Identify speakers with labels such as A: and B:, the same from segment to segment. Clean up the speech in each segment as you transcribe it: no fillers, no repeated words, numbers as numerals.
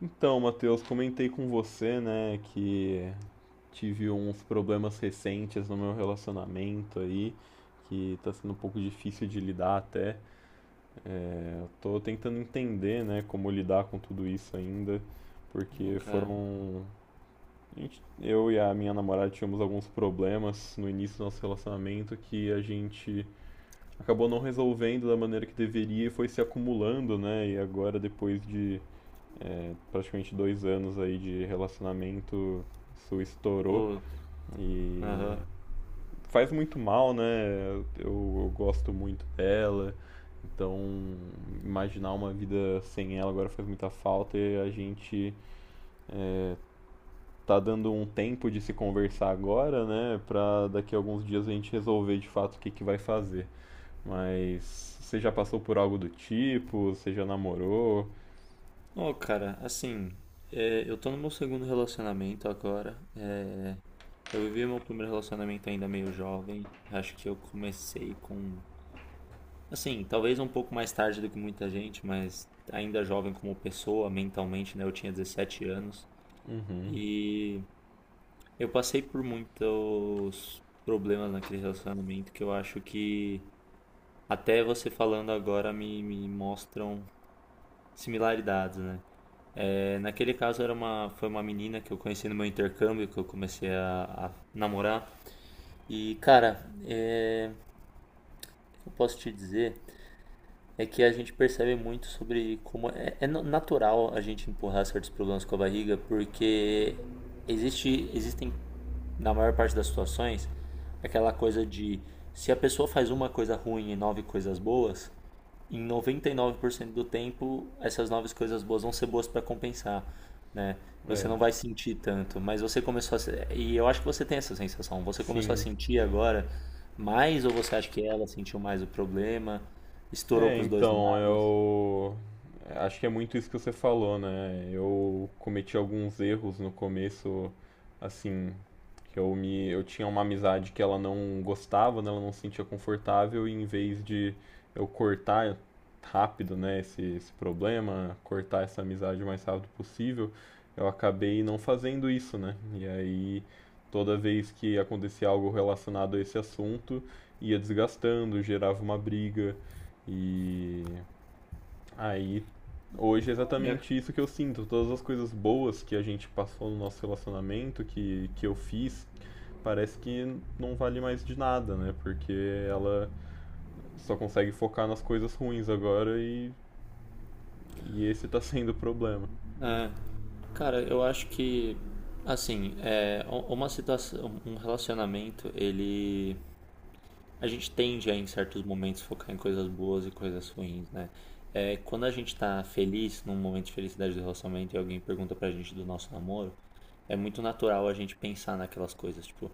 A: Então, Matheus, comentei com você, né, que tive uns problemas recentes no meu relacionamento aí, que tá sendo um pouco difícil de lidar até. Eu tô tentando entender, né, como lidar com tudo isso ainda, porque
B: Ok,
A: foram. Eu e a minha namorada tivemos alguns problemas no início do nosso relacionamento que a gente acabou não resolvendo da maneira que deveria e foi se acumulando, né, e agora depois de praticamente 2 anos aí de relacionamento, isso estourou
B: vou.
A: e
B: Aham.
A: faz muito mal, né? Eu gosto muito dela, então imaginar uma vida sem ela agora faz muita falta e a gente tá dando um tempo de se conversar agora, né? Pra daqui a alguns dias a gente resolver de fato o que vai fazer. Mas você já passou por algo do tipo? Você já namorou?
B: Ô, cara, assim, é, eu tô no meu segundo relacionamento agora. É, eu vivi meu primeiro relacionamento ainda meio jovem. Acho que eu comecei com. Assim, talvez um pouco mais tarde do que muita gente, mas ainda jovem como pessoa, mentalmente, né? Eu tinha 17 anos.
A: Uhum.
B: E eu passei por muitos problemas naquele relacionamento que eu acho que até você falando agora me mostram similaridades, né? É, naquele caso foi uma menina que eu conheci no meu intercâmbio, que eu comecei a namorar. E, cara, é, o que eu posso te dizer é que a gente percebe muito sobre como é natural a gente empurrar certos problemas com a barriga, porque existem, na maior parte das situações, aquela coisa de se a pessoa faz uma coisa ruim e nove coisas boas, em 99% do tempo, essas novas coisas boas vão ser boas para compensar, né? Você
A: É.
B: não vai sentir tanto, mas você começou a se- e eu acho que você tem essa sensação. Você começou a
A: Sim.
B: sentir agora mais ou você acha que ela sentiu mais o problema? Estourou
A: É,
B: para os dois
A: então,
B: lados?
A: eu acho que é muito isso que você falou, né? Eu cometi alguns erros no começo, assim, que eu me eu tinha uma amizade que ela não gostava, né? Ela não se sentia confortável e em vez de eu cortar rápido, né, esse problema, cortar essa amizade o mais rápido possível, eu acabei não fazendo isso, né? E aí toda vez que acontecia algo relacionado a esse assunto, ia desgastando, gerava uma briga. E aí, hoje é
B: Olha,
A: exatamente isso que eu sinto. Todas as coisas boas que a gente passou no nosso relacionamento, que eu fiz, parece que não vale mais de nada, né? Porque ela só consegue focar nas coisas ruins agora e esse tá sendo o problema.
B: é. Cara, eu acho que assim, uma situação, um relacionamento, ele A gente tende a, em certos momentos, focar em coisas boas e coisas ruins, né? É, quando a gente tá feliz, num momento de felicidade do relacionamento, e alguém pergunta pra gente do nosso namoro, é muito natural a gente pensar naquelas coisas, tipo,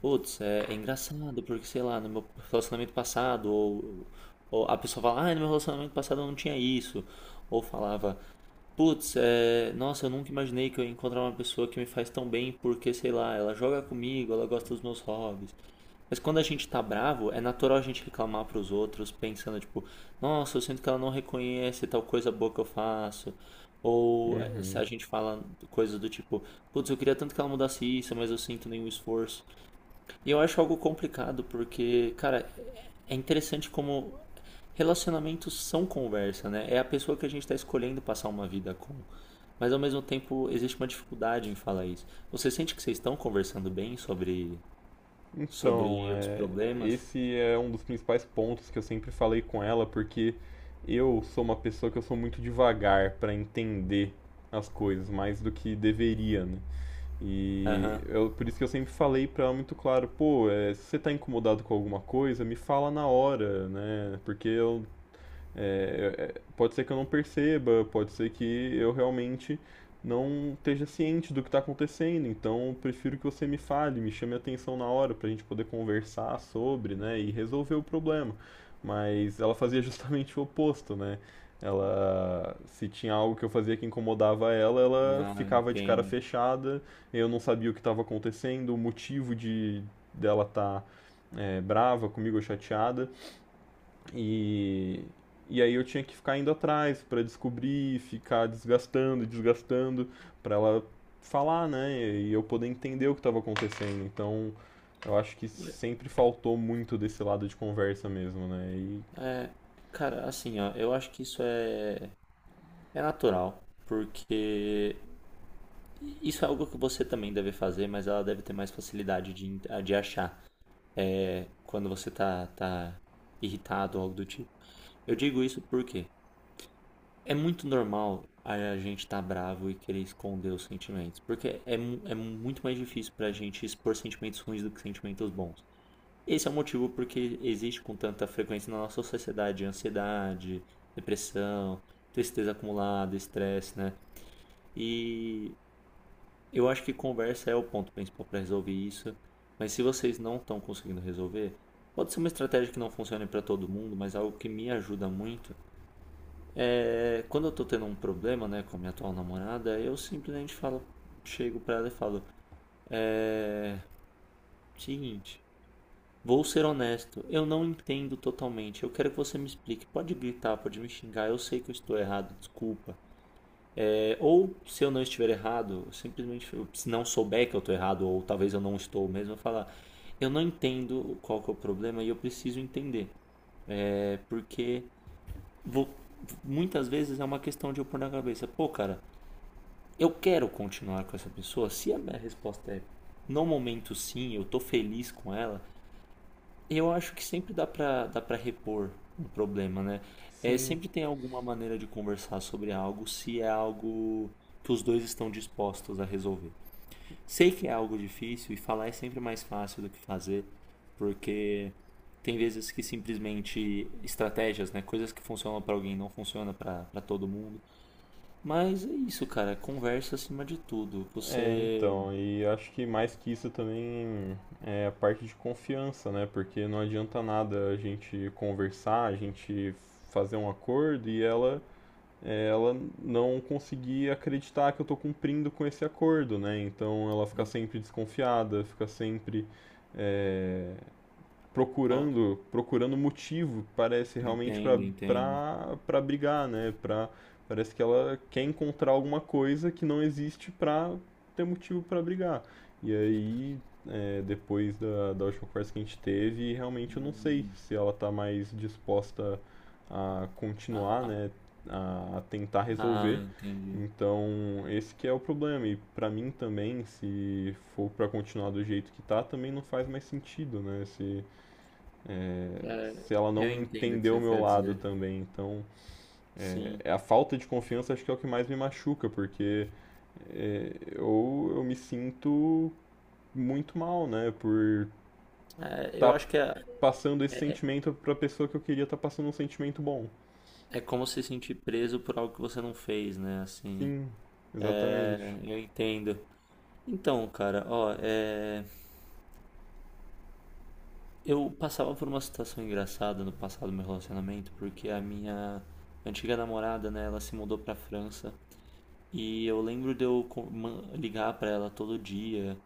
B: putz, é engraçado, porque sei lá, no meu relacionamento passado, ou, a pessoa fala, ah, no meu relacionamento passado eu não tinha isso, ou falava, putz, é, nossa, eu nunca imaginei que eu ia encontrar uma pessoa que me faz tão bem, porque sei lá, ela joga comigo, ela gosta dos meus hobbies. Mas quando a gente tá bravo, é natural a gente reclamar pros outros, pensando, tipo, nossa, eu sinto que ela não reconhece tal coisa boa que eu faço. Ou se
A: Uhum.
B: a gente fala coisas do tipo, putz, eu queria tanto que ela mudasse isso, mas eu sinto nenhum esforço. E eu acho algo complicado, porque, cara, é interessante como relacionamentos são conversa, né? É a pessoa que a gente está escolhendo passar uma vida com. Mas ao mesmo tempo existe uma dificuldade em falar isso. Você sente que vocês estão conversando bem sobre,
A: Então,
B: sobre os
A: é,
B: problemas?
A: esse é um dos principais pontos que eu sempre falei com ela, porque eu sou uma pessoa que eu sou muito devagar pra entender as coisas, mais do que deveria, né? E
B: Aham.
A: eu, por isso que eu sempre falei pra ela muito claro, pô, é, se você tá incomodado com alguma coisa, me fala na hora, né? Porque eu pode ser que eu não perceba, pode ser que eu realmente não esteja ciente do que está acontecendo, então prefiro que você me fale, me chame a atenção na hora para a gente poder conversar sobre, né, e resolver o problema. Mas ela fazia justamente o oposto, né? Ela, se tinha algo que eu fazia que incomodava ela, ela
B: Ah,
A: ficava de cara
B: entendo.
A: fechada, eu não sabia o que estava acontecendo, o motivo de dela estar tá, é, brava comigo ou chateada. E, e aí eu tinha que ficar indo atrás para descobrir, ficar desgastando, desgastando, para ela falar, né? E eu poder entender o que estava acontecendo. Então, eu acho que sempre faltou muito desse lado de conversa mesmo, né? E
B: É, cara, assim, ó, eu acho que isso é natural, porque isso é algo que você também deve fazer, mas ela deve ter mais facilidade de achar, é, quando você tá irritado ou algo do tipo. Eu digo isso porque é muito normal a gente estar tá bravo e querer esconder os sentimentos, porque é muito mais difícil pra gente expor sentimentos ruins do que sentimentos bons. Esse é o motivo porque existe com tanta frequência na nossa sociedade ansiedade, depressão, tristeza acumulada, estresse, né? E eu acho que conversa é o ponto principal para resolver isso. Mas se vocês não estão conseguindo resolver, pode ser uma estratégia que não funcione para todo mundo, mas algo que me ajuda muito é quando eu tô tendo um problema, né, com a minha atual namorada, eu simplesmente falo, chego para ela e falo, é seguinte, vou ser honesto, eu não entendo totalmente. Eu quero que você me explique. Pode gritar, pode me xingar. Eu sei que eu estou errado, desculpa. É, ou se eu não estiver errado, simplesmente se não souber que eu estou errado, ou talvez eu não estou mesmo, eu falar. Eu não entendo qual que é o problema e eu preciso entender. É porque vou- muitas vezes é uma questão de eu pôr na cabeça, pô, cara, eu quero continuar com essa pessoa. Se a minha resposta é no momento sim, eu estou feliz com ela, eu acho que sempre dá para repor um problema, né? É,
A: sim,
B: sempre tem alguma maneira de conversar sobre algo se é algo que os dois estão dispostos a resolver. Sei que é algo difícil e falar é sempre mais fácil do que fazer, porque tem vezes que simplesmente estratégias, né, coisas que funcionam pra alguém não funcionam pra para todo mundo. Mas é isso, cara, conversa acima de tudo.
A: é,
B: Você,
A: então, e acho que mais que isso também é a parte de confiança, né? Porque não adianta nada a gente conversar, a gente fazer um acordo e ela ela não conseguir acreditar que eu estou cumprindo com esse acordo, né? Então ela fica
B: né?
A: sempre desconfiada, fica sempre é,
B: Ó,
A: procurando motivo parece realmente para
B: entende, entende.
A: para brigar né para parece que ela quer encontrar alguma coisa que não existe para ter motivo para brigar e aí é, depois da última conversa que a gente teve realmente eu não sei se ela está mais disposta a
B: Ah,
A: continuar
B: ah,
A: né a tentar
B: ah,
A: resolver
B: entendi.
A: então, esse que é o problema. E pra mim também, se for pra continuar do jeito que tá, também não faz mais sentido, né? Se,
B: É,
A: se ela
B: eu
A: não
B: entendo o que
A: entendeu o
B: você
A: meu
B: quer
A: lado
B: dizer.
A: também. Então,
B: Sim.
A: é a falta de confiança acho que é o que mais me machuca, porque é, eu me sinto muito mal, né, por
B: É, eu
A: estar
B: acho que
A: passando esse
B: é,
A: sentimento para a pessoa que eu queria estar passando um sentimento bom.
B: é como se sentir preso por algo que você não fez, né? Assim.
A: Sim, exatamente.
B: É, eu entendo. Então, cara, ó, é, eu passava por uma situação engraçada no passado do meu relacionamento, porque a minha antiga namorada, né, ela se mudou pra França. E eu lembro de eu ligar pra ela todo dia.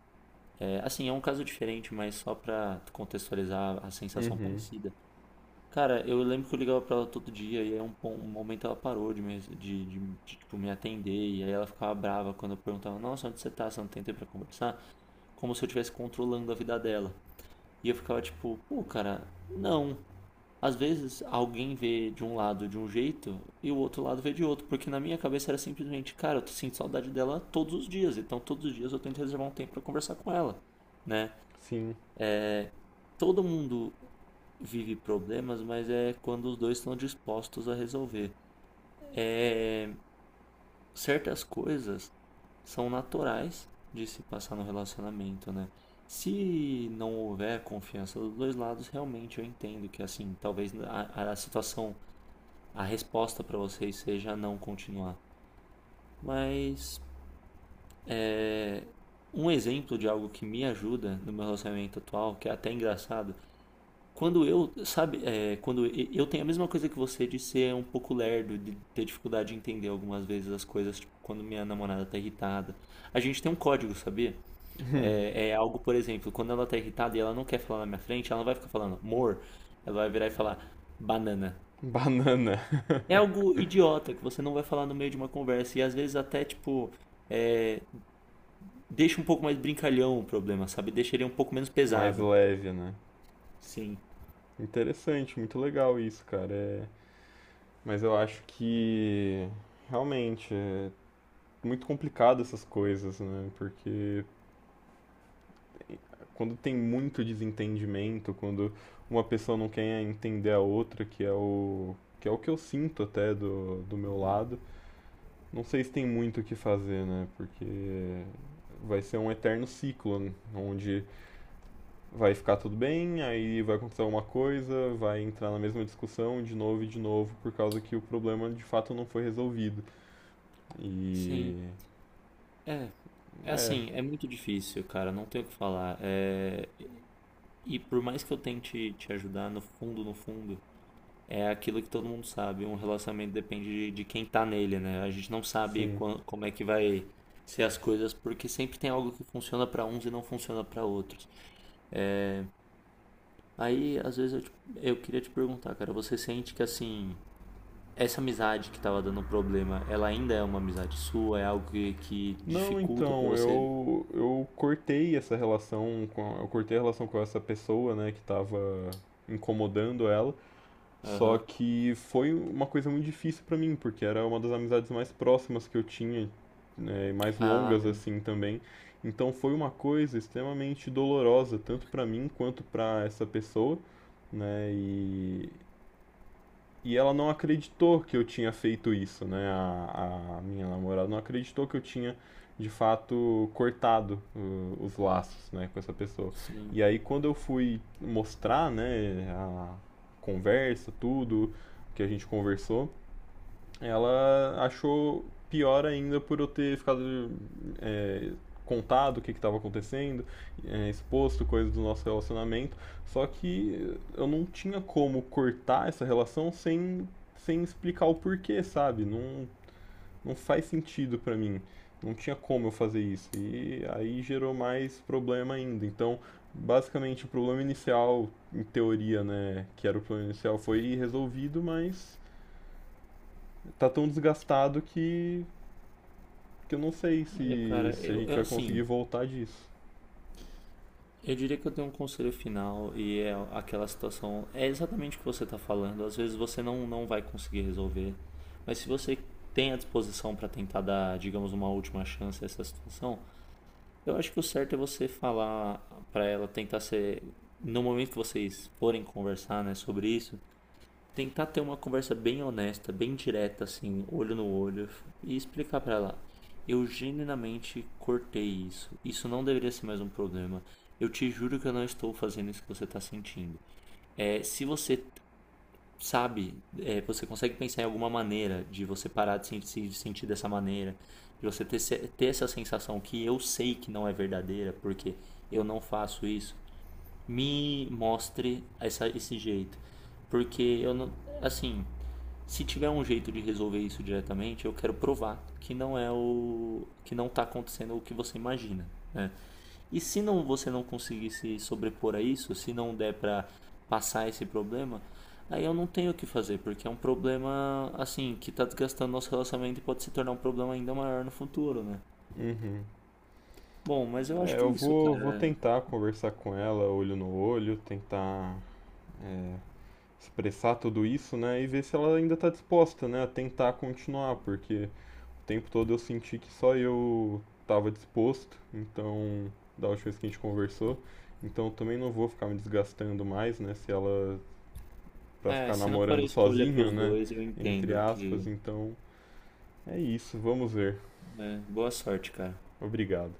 B: É, assim, é um caso diferente, mas só pra contextualizar a sensação
A: Uhum,
B: parecida. Cara, eu lembro que eu ligava pra ela todo dia e aí um momento ela parou de me, tipo, me atender e aí ela ficava brava quando eu perguntava, nossa, onde você tá? Você não tem tempo pra conversar? Como se eu estivesse controlando a vida dela. E eu ficava tipo, pô, cara, não. Às vezes alguém vê de um lado de um jeito e o outro lado vê de outro, porque na minha cabeça era simplesmente, cara, eu sinto saudade dela todos os dias, então todos os dias eu tento reservar um tempo pra conversar com ela, né?
A: sim.
B: Todo mundo vive problemas, mas é quando os dois estão dispostos a resolver. É, certas coisas são naturais de se passar no relacionamento, né? Se não houver confiança dos dois lados, realmente eu entendo que assim, talvez a situação, a resposta para vocês seja não continuar. Mas é, um exemplo de algo que me ajuda no meu relacionamento atual, que é até engraçado. Quando eu, sabe, eu tenho a mesma coisa que você de ser um pouco lerdo, de ter dificuldade de entender algumas vezes as coisas, tipo, quando minha namorada tá irritada. A gente tem um código, sabia?
A: Uhum.
B: É algo, por exemplo, quando ela tá irritada e ela não quer falar na minha frente, ela não vai ficar falando amor, ela vai virar e falar banana.
A: Banana.
B: É algo idiota que você não vai falar no meio de uma conversa e às vezes até, tipo, é, deixa um pouco mais brincalhão o problema, sabe? Deixa ele um pouco menos
A: Mais
B: pesado.
A: leve, né?
B: Sim.
A: Interessante, muito legal isso, cara. É, mas eu acho que realmente é, muito complicado essas coisas, né? Porque quando tem muito desentendimento, quando uma pessoa não quer entender a outra, que é o que eu sinto até do meu lado, não sei se tem muito o que fazer, né? Porque vai ser um eterno ciclo, né? Onde vai ficar tudo bem, aí vai acontecer alguma coisa, vai entrar na mesma discussão de novo e de novo, por causa que o problema de fato não foi resolvido.
B: Sim.
A: E
B: É. É
A: é,
B: assim, é muito difícil, cara, não tem o que falar. É, e por mais que eu tente te ajudar, no fundo, no fundo, é aquilo que todo mundo sabe. Um relacionamento depende de quem tá nele, né? A gente não sabe
A: sim,
B: como é que vai ser as coisas, porque sempre tem algo que funciona pra uns e não funciona pra outros. Aí, às vezes, eu queria te perguntar, cara, você sente que, assim, essa amizade que tava dando problema, ela ainda é uma amizade sua? É algo que
A: não,
B: dificulta pra
A: então,
B: você?
A: eu cortei a relação com essa pessoa, né, que tava incomodando ela. Só
B: Aham.
A: que foi uma coisa muito difícil pra mim, porque era uma das amizades mais próximas que eu tinha, né, e mais
B: Ah,
A: longas assim também. Então foi uma coisa extremamente dolorosa, tanto pra mim quanto pra essa pessoa, né? E ela não acreditou que eu tinha feito isso, né? A minha namorada não acreditou que eu tinha, de fato, cortado os laços, né, com essa pessoa.
B: sim.
A: E aí, quando eu fui mostrar, né, a conversa, tudo que a gente conversou, ela achou pior ainda por eu ter ficado é, contado o que estava acontecendo, é, exposto coisas do nosso relacionamento. Só que eu não tinha como cortar essa relação sem explicar o porquê, sabe? Não, não faz sentido para mim. Não tinha como eu fazer isso. E aí gerou mais problema ainda. Então, basicamente, o problema inicial, em teoria, né, que era o problema inicial, foi resolvido, mas tá tão desgastado que eu não sei
B: Olha,
A: se,
B: cara,
A: se a gente vai
B: assim,
A: conseguir voltar disso.
B: eu diria que eu tenho um conselho final e é aquela situação, é exatamente o que você está falando. Às vezes você não vai conseguir resolver, mas se você tem a disposição para tentar dar, digamos, uma última chance a essa situação, eu acho que o certo é você falar para ela tentar ser, no momento que vocês forem conversar, né, sobre isso, tentar ter uma conversa bem honesta, bem direta, assim, olho no olho, e explicar pra ela. Eu genuinamente cortei isso. Isso não deveria ser mais um problema. Eu te juro que eu não estou fazendo isso que você está sentindo. É, se você sabe, é, você consegue pensar em alguma maneira de você parar de se sentir dessa maneira, de você ter essa sensação que eu sei que não é verdadeira, porque eu não faço isso, me mostre esse jeito. Porque eu não. Assim, se tiver um jeito de resolver isso diretamente, eu quero provar que não é o. que não está acontecendo o que você imagina, né? E se não você não conseguir se sobrepor a isso, se não der para passar esse problema, aí eu não tenho o que fazer, porque é um problema assim que está desgastando nosso relacionamento e pode se tornar um problema ainda maior no futuro, né?
A: Uhum.
B: Bom, mas eu acho
A: É,
B: que é isso,
A: vou
B: cara.
A: tentar conversar com ela, olho no olho, tentar expressar tudo isso, né? E ver se ela ainda tá disposta, né? A tentar continuar, porque o tempo todo eu senti que só eu tava disposto, então, da última vez que a gente conversou. Então eu também não vou ficar me desgastando mais, né? Se ela. Pra
B: É,
A: ficar
B: se não for a
A: namorando
B: escolha para
A: sozinho,
B: os
A: né?
B: dois, eu
A: Entre
B: entendo
A: aspas,
B: que.
A: então. É isso, vamos ver.
B: É, boa sorte, cara.
A: Obrigado.